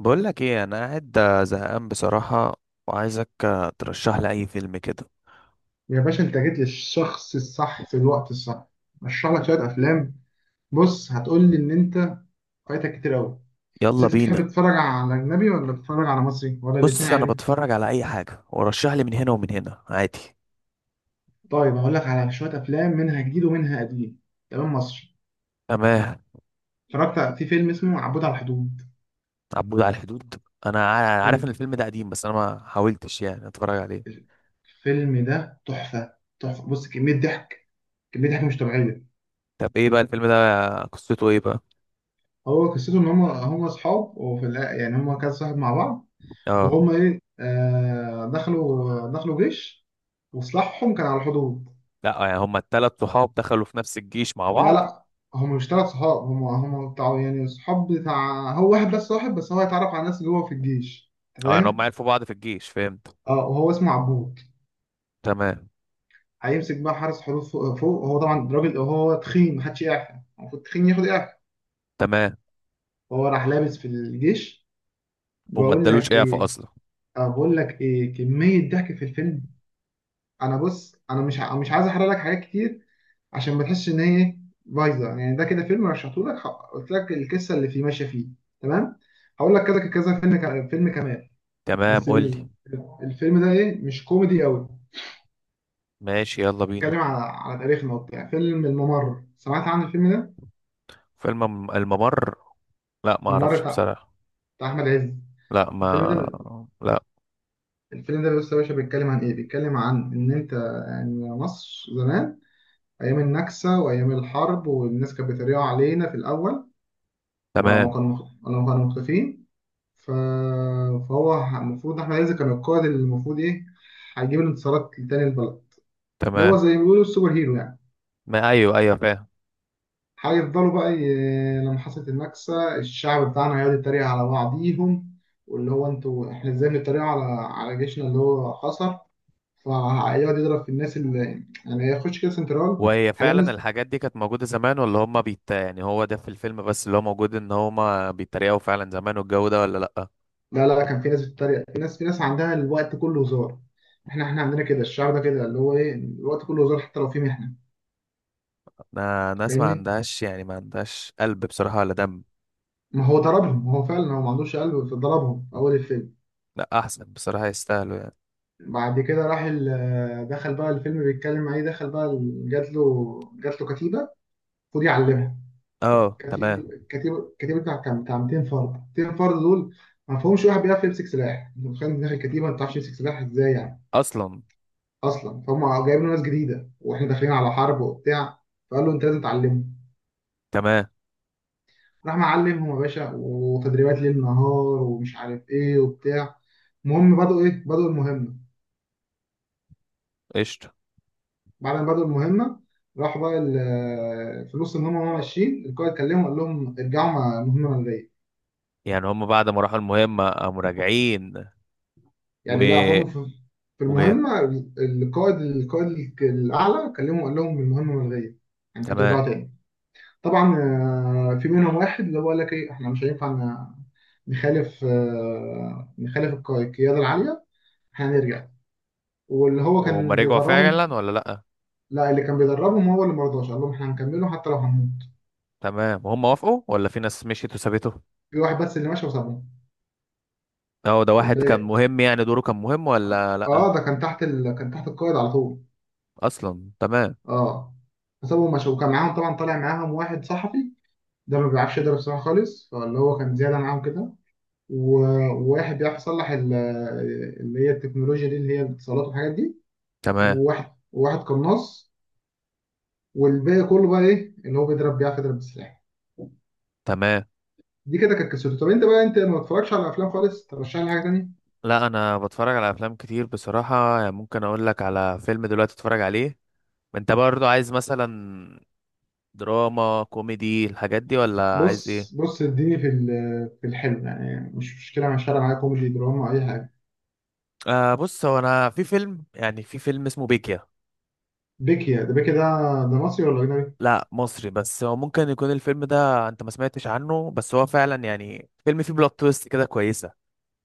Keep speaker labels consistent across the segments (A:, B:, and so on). A: بقول لك ايه، انا قاعد زهقان بصراحة. وعايزك ترشح لي اي فيلم كده.
B: يا باشا انت جيت للشخص الصح في الوقت الصح. اشرح لك شويه افلام. بص هتقول لي ان انت فايتك كتير قوي. بس
A: يلا
B: انت
A: بينا.
B: تحب تتفرج على اجنبي ولا تتفرج على مصري ولا الاثنين
A: بص انا
B: عادي؟
A: بتفرج على اي حاجة، ورشح لي من هنا ومن هنا عادي.
B: طيب هقول لك على شويه افلام منها جديد ومنها قديم. تمام، مصري.
A: تمام.
B: اتفرجت في فيلم اسمه عبود على الحدود.
A: عبود على الحدود، انا عارف ان
B: فيلم-
A: الفيلم ده قديم، بس انا ما حاولتش يعني اتفرج عليه.
B: الفيلم ده تحفه تحفه. بص كميه ضحك، كميه ضحك مش طبيعيه.
A: طب ايه بقى الفيلم ده؟ قصته ايه بقى؟
B: هو قصته ان هم اصحاب، يعني هم كذا صاحب مع بعض.
A: اه.
B: وهم ايه دخلوا، دخلوا جيش، وسلاحهم كان على الحدود.
A: لا يعني هما التلات صحاب دخلوا في نفس الجيش مع
B: لا
A: بعض؟
B: لا، هم مش ثلاث صحاب. هم بتاع يعني صحاب بتاع، هو واحد بس صاحب، بس هو هيتعرف على ناس جوه في الجيش. انت
A: اه، يعني هما
B: فاهم.
A: عرفوا بعض في الجيش، فهمت.
B: اه، وهو اسمه عبود.
A: تمام.
B: هيمسك بقى حارس حدود فوق. هو طبعا راجل، هو تخين، محدش يعرف. المفروض تخين ياخد اعفاء.
A: تمام.
B: هو راح لابس في الجيش.
A: وما
B: بقول لك
A: ادالوش اعفاء
B: ايه،
A: اصلا.
B: بقول لك ايه، كمية ضحك في الفيلم. انا بص انا مش عايز احرق لك حاجات كتير، عشان ما تحسش ان هي إيه؟ بايظه. يعني ده كده فيلم رشحته لك، قلت لك القصه اللي فيه ماشيه فيه. تمام. هقول لك كذا كذا فيلم كمان.
A: تمام،
B: بس
A: قول
B: بي-
A: لي.
B: الفيلم ده ايه مش كوميدي قوي.
A: ماشي، يلا بينا.
B: بيتكلم على على تاريخنا وبتاع، فيلم الممر. سمعت عن الفيلم ده؟
A: فيلم الممر. لا ما
B: الممر
A: اعرفش
B: بتاع،
A: بصراحة.
B: بتاع احمد عز.
A: لا،
B: الفيلم
A: ما
B: ده،
A: لا.
B: الفيلم ده بص يا باشا بيتكلم عن ايه، بيتكلم عن ان انت يعني مصر زمان، ايام النكسه وايام الحرب، والناس كانت بتريقوا علينا في الاول. ولما
A: تمام.
B: كانوا، ولما كانوا مختفين، ف... فهو المفروض احمد عز كان القائد اللي المفروض ايه، هيجيب الانتصارات لتاني البلد، اللي هو
A: تمام.
B: زي ما بيقولوا السوبر هيرو يعني.
A: ما ايوه ايوه، فاهم.
B: هيفضلوا بقى لما حصلت النكسة، الشعب بتاعنا هيقعد يتريق على بعضيهم، واللي هو انتوا احنا ازاي بنتريق على على جيشنا اللي هو خسر. فهيقعد يضرب في الناس اللي، يعني يخش كده سنترال.
A: وهي
B: هلاقي
A: فعلا
B: ناس،
A: الحاجات دي كانت موجودة زمان، ولا هما بيت يعني، هو ده في الفيلم بس اللي هو موجود ان هما بيتريقوا فعلا زمان والجو ده، ولا لا؟
B: لا لا، كان في ناس بتتريق، في ناس، في ناس عندها الوقت كله هزار. احنا عندنا كده، الشعب ده كده اللي هو ايه الوقت كله هزار حتى لو في محنة.
A: انا ناس ما
B: فاهمني.
A: عندهاش يعني ما عندهاش قلب بصراحة ولا دم.
B: ما هو ضربهم، هو فعلا هو ما عندوش قلب، فضربهم اول الفيلم.
A: لا احسن بصراحة يستاهلوا يعني.
B: بعد كده دخل بقى، الفيلم بيتكلم عليه، دخل بقى جات له، جات له كتيبه، خد يعلمها.
A: اه، تمام.
B: كتيبه بتاع كام، بتاع 200 فرد، 200 فرد دول ما فيهمش واحد بيعرف يمسك سلاح. انت متخيل داخل كتيبه ما بتعرفش تمسك سلاح ازاي يعني؟
A: اصلا،
B: اصلا فهم جايبين له ناس جديده واحنا داخلين على حرب وبتاع. فقال له انت لازم تعلمه.
A: تمام.
B: راح معلمهم يا باشا، وتدريبات ليل نهار ومش عارف ايه وبتاع. المهم بدأوا ايه، بدأوا المهمه.
A: قشطة.
B: بعد ما بدأوا المهمة، راحوا بقى في نص المهمة وهم ماشيين، القائد كلمهم قال لهم ارجعوا، مع مهمة منرية
A: يعني هما بعد ما راحوا المهمة قاموا راجعين؟
B: يعني. لا، فهم في، في
A: وتمام.
B: المهمة، القائد، القائد الأعلى كلمهم قال لهم المهمة ملغية، يعني انتوا ترجعوا تاني. طبعا في منهم واحد اللي هو قال لك ايه، احنا مش هينفع نخالف، نخالف القيادة العالية، احنا هنرجع، واللي هو
A: وهم
B: كان
A: رجعوا
B: بيدربهم.
A: فعلا ولا لأ؟
B: لا، اللي كان بيدربهم هو اللي مرضاش، قال لهم احنا هنكمله حتى لو هنموت.
A: تمام، وهم وافقوا ولا في ناس مشيت وسابته؟
B: في واحد بس اللي ماشي وسابهم،
A: اه، ده واحد كان
B: والباقي
A: مهم يعني، دوره كان مهم ولا لأ؟
B: اه، ده كان تحت كان تحت القائد على طول.
A: أصلا، تمام.
B: اه. فسابهم مشوا، وكان معاهم طبعا، طالع معاهم واحد صحفي، ده ما بيعرفش يضرب سلاح خالص، فاللي هو كان زياده معاهم كده. وواحد بيعرف يصلح اللي هي التكنولوجيا دي، اللي هي الاتصالات والحاجات دي.
A: تمام.
B: وواحد قناص، والباقي كله بقى ايه اللي هو بيضرب، بيعرف يضرب بالسلاح.
A: تمام.
B: دي كده كانت قصته. طب انت بقى، انت ما بتتفرجش على افلام خالص؟ ترشح لي حاجه تانيه.
A: لا، أنا بتفرج على أفلام كتير بصراحة، يعني ممكن أقول لك على فيلم دلوقتي تتفرج عليه. أنت برضو عايز مثلا دراما كوميدي الحاجات دي ولا عايز إيه؟
B: بص بص، اديني في الحلو يعني، مش مشكله، مع الشارع معايا، كوميدي دراما اي حاجه.
A: آه، بص هو، أنا في فيلم اسمه بيكيا.
B: بيكي ده، ده مصري ولا أجنبي؟
A: لا مصري، بس هو ممكن يكون الفيلم ده انت ما سمعتش عنه، بس هو فعلا يعني فيلم فيه بلوت تويست كده كويسة.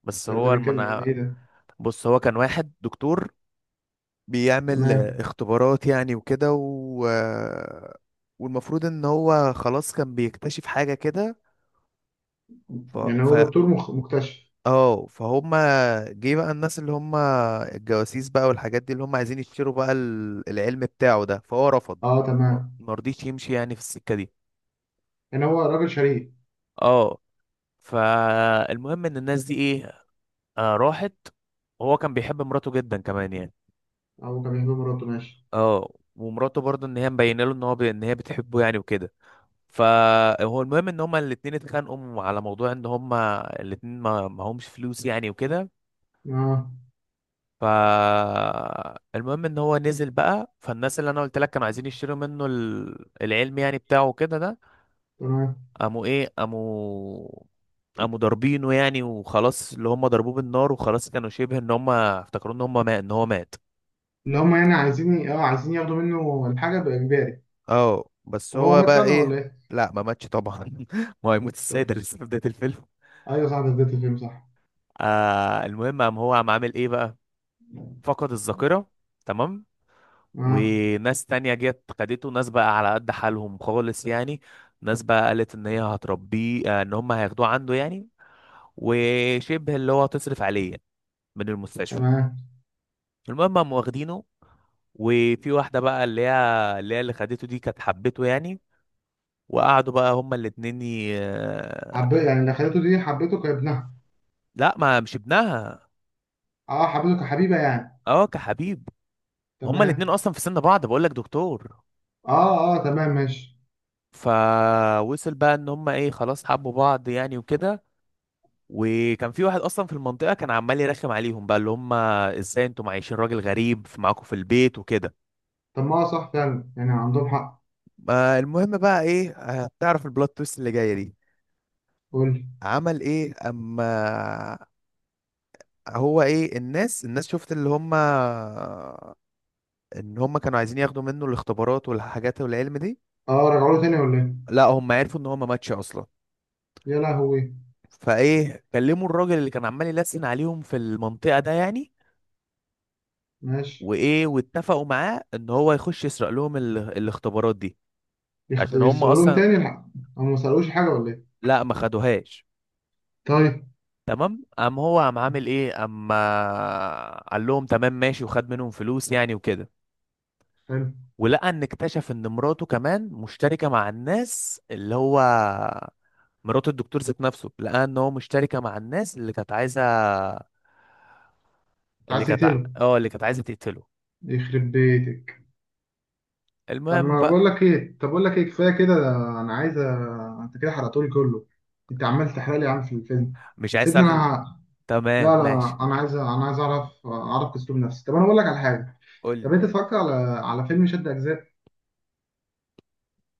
A: بس
B: طب ده
A: هو
B: بيتكلم عن
A: المنا.
B: إيه ده؟
A: بص هو كان واحد دكتور، بيعمل
B: تمام.
A: اختبارات يعني وكده و... آه، والمفروض ان هو خلاص كان بيكتشف حاجة كده ف...
B: يعني
A: ف...
B: هو دكتور مكتشف.
A: اه، فهم. جه بقى الناس اللي هم الجواسيس بقى، والحاجات دي اللي هم عايزين يشتروا بقى العلم بتاعه ده، فهو رفض.
B: أه
A: ما
B: تمام.
A: ما رضيش يمشي يعني في السكة دي.
B: يعني هو راجل شريف.
A: اه. فالمهم ان الناس دي ايه، راحت. وهو كان بيحب مراته جدا كمان يعني.
B: أو كان بيحب مراته، ماشي.
A: اه، ومراته برضه ان هي مبينه له ان هي بتحبه يعني وكده. فهو المهم ان هما الاتنين اتخانقوا على موضوع ان هما الاتنين ما همش فلوس يعني وكده.
B: أه
A: ف المهم ان هو نزل بقى فالناس اللي انا قلت لك كانوا عايزين يشتروا منه العلم يعني بتاعه كده ده.
B: تمام.
A: قاموا ايه قاموا قاموا ضاربينه يعني، وخلاص اللي هم ضربوه بالنار، وخلاص كانوا شبه ان هم افتكروا ان هو مات.
B: اللي هم يعني عايزين أه، عايزين ياخدوا منه الحاجة بإجباري.
A: اه بس
B: طب هو
A: هو
B: مات
A: بقى
B: فعلا
A: ايه.
B: ولا إيه؟
A: لا ما ماتش طبعا. ما هو هيموت ازاي،
B: طب
A: ده لسه في بداية الفيلم.
B: أيوه صح، ده بداية الفيلم صح.
A: المهم، قام هو قام عامل ايه بقى، فقد الذاكرة. تمام.
B: اه
A: وناس تانية جت خدته، ناس بقى على قد حالهم خالص يعني. ناس بقى قالت ان هي هتربيه، ان هم هياخدوه عنده يعني. وشبه اللي هو هتصرف عليه يعني من المستشفى.
B: تمام.
A: المهم هم واخدينه، وفي واحدة بقى اللي هي اللي خدته دي كانت حبته يعني. وقعدوا بقى هما الاتنين ي...
B: حبيت
A: آه،
B: يعني، اللي خليته دي حبيته كابنها؟
A: لا، ما مش ابنها.
B: اه حبيته كحبيبه يعني.
A: اه، كحبيب. هما
B: تمام.
A: الاتنين اصلا في سن بعض بقولك دكتور.
B: اه اه تمام ماشي.
A: فوصل بقى ان هما ايه، خلاص حبوا بعض يعني وكده. وكان في واحد اصلا في المنطقة كان عمال يرخم عليهم بقى، اللي هما ازاي انتوا معيشين راجل غريب في معاكم في البيت وكده.
B: طب ما هو صح فعلا، يعني عندهم حق.
A: ما المهم بقى ايه؟ هتعرف البلوت تويست اللي جايه دي.
B: قول لي.
A: عمل ايه اما هو ايه، الناس شفت اللي هم ان هم كانوا عايزين ياخدوا منه الاختبارات والحاجات والعلم دي.
B: اه، رجعوا له تاني ولا ايه؟
A: لا، هم عرفوا ان هم ماتش اصلا.
B: يا لهوي.
A: فايه، كلموا الراجل اللي كان عمال يلسن عليهم في المنطقة ده يعني.
B: ماشي.
A: وايه واتفقوا معاه ان هو يخش يسرق لهم الاختبارات دي. عشان هم
B: يسرقلهم
A: اصلا.
B: تاني الحق. هم ما سرقوش حاجة ولا ايه؟
A: لا ما خدوهاش.
B: طيب.
A: تمام، قام هو قام عامل ايه اما، قال لهم تمام ماشي وخد منهم فلوس يعني وكده.
B: حلو انت.
A: ولقى ان اكتشف ان مراته كمان مشتركة مع الناس اللي هو، مرات الدكتور ذات نفسه، لقى ان هو مشتركة مع الناس اللي كانت عايزة، اللي
B: عايز
A: كانت ع-
B: تقتله.
A: اه اللي كانت عايزة تقتله.
B: يخرب بيتك. طب
A: المهم
B: ما بقول
A: بقى.
B: لك ايه، طب بقول لك ايه كفاية كده، ده انا عايز انت كده حرقتولي كله. انت عمال تحرق لي يا عم في الفيلم.
A: مش عايز
B: سيبني
A: تعرف
B: انا.
A: تمام
B: لا
A: ماشي.
B: لا، انا عايز، انا عايز اعرف، اعرف اسلوب نفسي. طب انا بقول لك على حاجة.
A: قول
B: طب
A: لي.
B: انت اتفرجت على، على فيلم شد اجزاء؟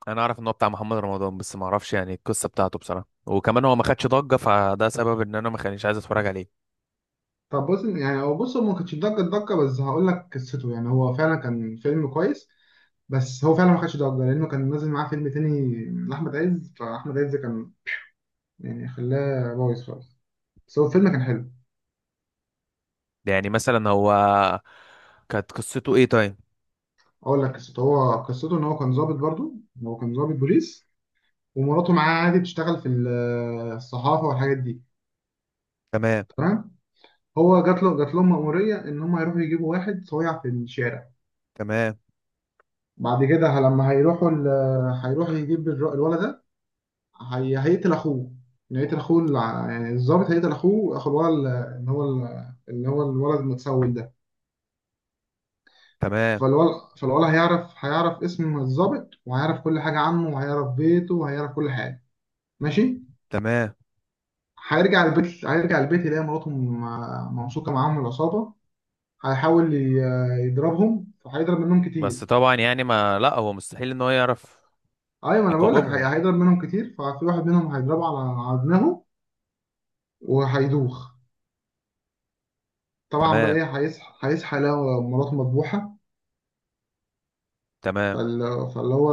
A: انا اعرف ان هو بتاع محمد رمضان، بس ما اعرفش يعني القصة بتاعته بصراحة، وكمان هو ما خدش ضجة، فده سبب ان انا ما كانش عايز اتفرج عليه.
B: طب بص يعني هو بص، هو ما كانش ضجة ضجة، بس هقول لك قصته، يعني هو فعلا كان فيلم كويس. بس هو فعلا ما خدش ضجه لانه كان نازل معاه فيلم تاني لاحمد عز، فاحمد عز كان يعني خلاه بايظ خالص، بس هو الفيلم كان حلو.
A: يعني مثلا هو، كانت قصته ايه طيب؟
B: اقول لك قصته، هو قصته ان هو كان ضابط برضو، هو كان ضابط بوليس، ومراته معاه عادي بتشتغل في الصحافه والحاجات دي.
A: تمام.
B: تمام. هو جات له، جات لهم مأموريه ان هم يروحوا يجيبوا واحد صويع في الشارع.
A: تمام.
B: بعد كده لما هيروحوا يجيب الولد ده، هي هيقتل اخوه، يعني هيقتل اخوه يعني الظابط هيقتل اخوه، اخو الولد اللي هو الولد المتسول ده.
A: تمام.
B: فالولد هيعرف، هيعرف اسم الظابط، وهيعرف كل حاجة عنه، وهيعرف بيته، وهيعرف كل حاجة. ماشي.
A: تمام.
B: هيرجع البيت يلاقي مراته ممسوكة معاهم من العصابة. هيحاول ي- يضربهم فهيضرب منهم كتير.
A: بس طبعا يعني ما لا، هو مستحيل ان هو يعرف.
B: ايوه ما انا بقول لك،
A: يقومهم.
B: هيضرب منهم كتير، ففي واحد منهم هيضربه على على دماغه وهيدوخ. طبعا بقى
A: تمام.
B: ايه، هيصحى يلاقي مراته مذبوحة.
A: تمام.
B: فاللي هو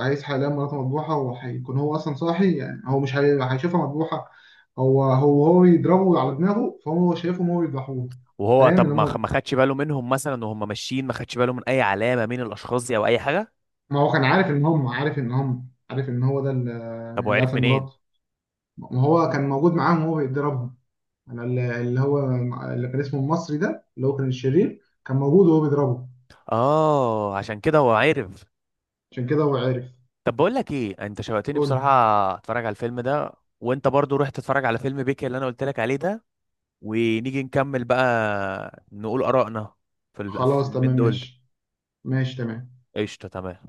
B: عايز حاليا مراته مذبوحة، وهيكون هو أصلا صاحي، يعني هو مش هيشوفها مذبوحة. هو يضربه على دماغه، فهو شايفهم هو يذبحوه.
A: وهو،
B: فاهم إن
A: طب ما خ-
B: هم،
A: ما خدش باله منهم مثلا وهم ماشيين، ما خدش باله من اي علامة مين الاشخاص دي او اي حاجة؟
B: ما هو كان عارف إن هم، عارف إن هو ده
A: طب هو
B: اللي
A: عرف
B: قتل
A: منين؟
B: مراته. ما هو كان موجود معاهم وهو بيضربهم. أنا ال- اللي هو اللي كان اسمه المصري ده، اللي هو كان الشرير، كان موجود وهو بيضربه.
A: اه، عشان كده هو عرف.
B: عشان كده هو عارف.
A: طب بقول لك ايه، انت شوقتني
B: قول لي.
A: بصراحة. اتفرج على الفيلم ده. وانت برضو روح تتفرج على فيلم بيكي اللي انا قلت لك عليه ده. ونيجي نكمل بقى نقول آرائنا في
B: خلاص
A: الفيلمين
B: تمام
A: دول.
B: ماشي. ماشي تمام.
A: قشطة، تمام.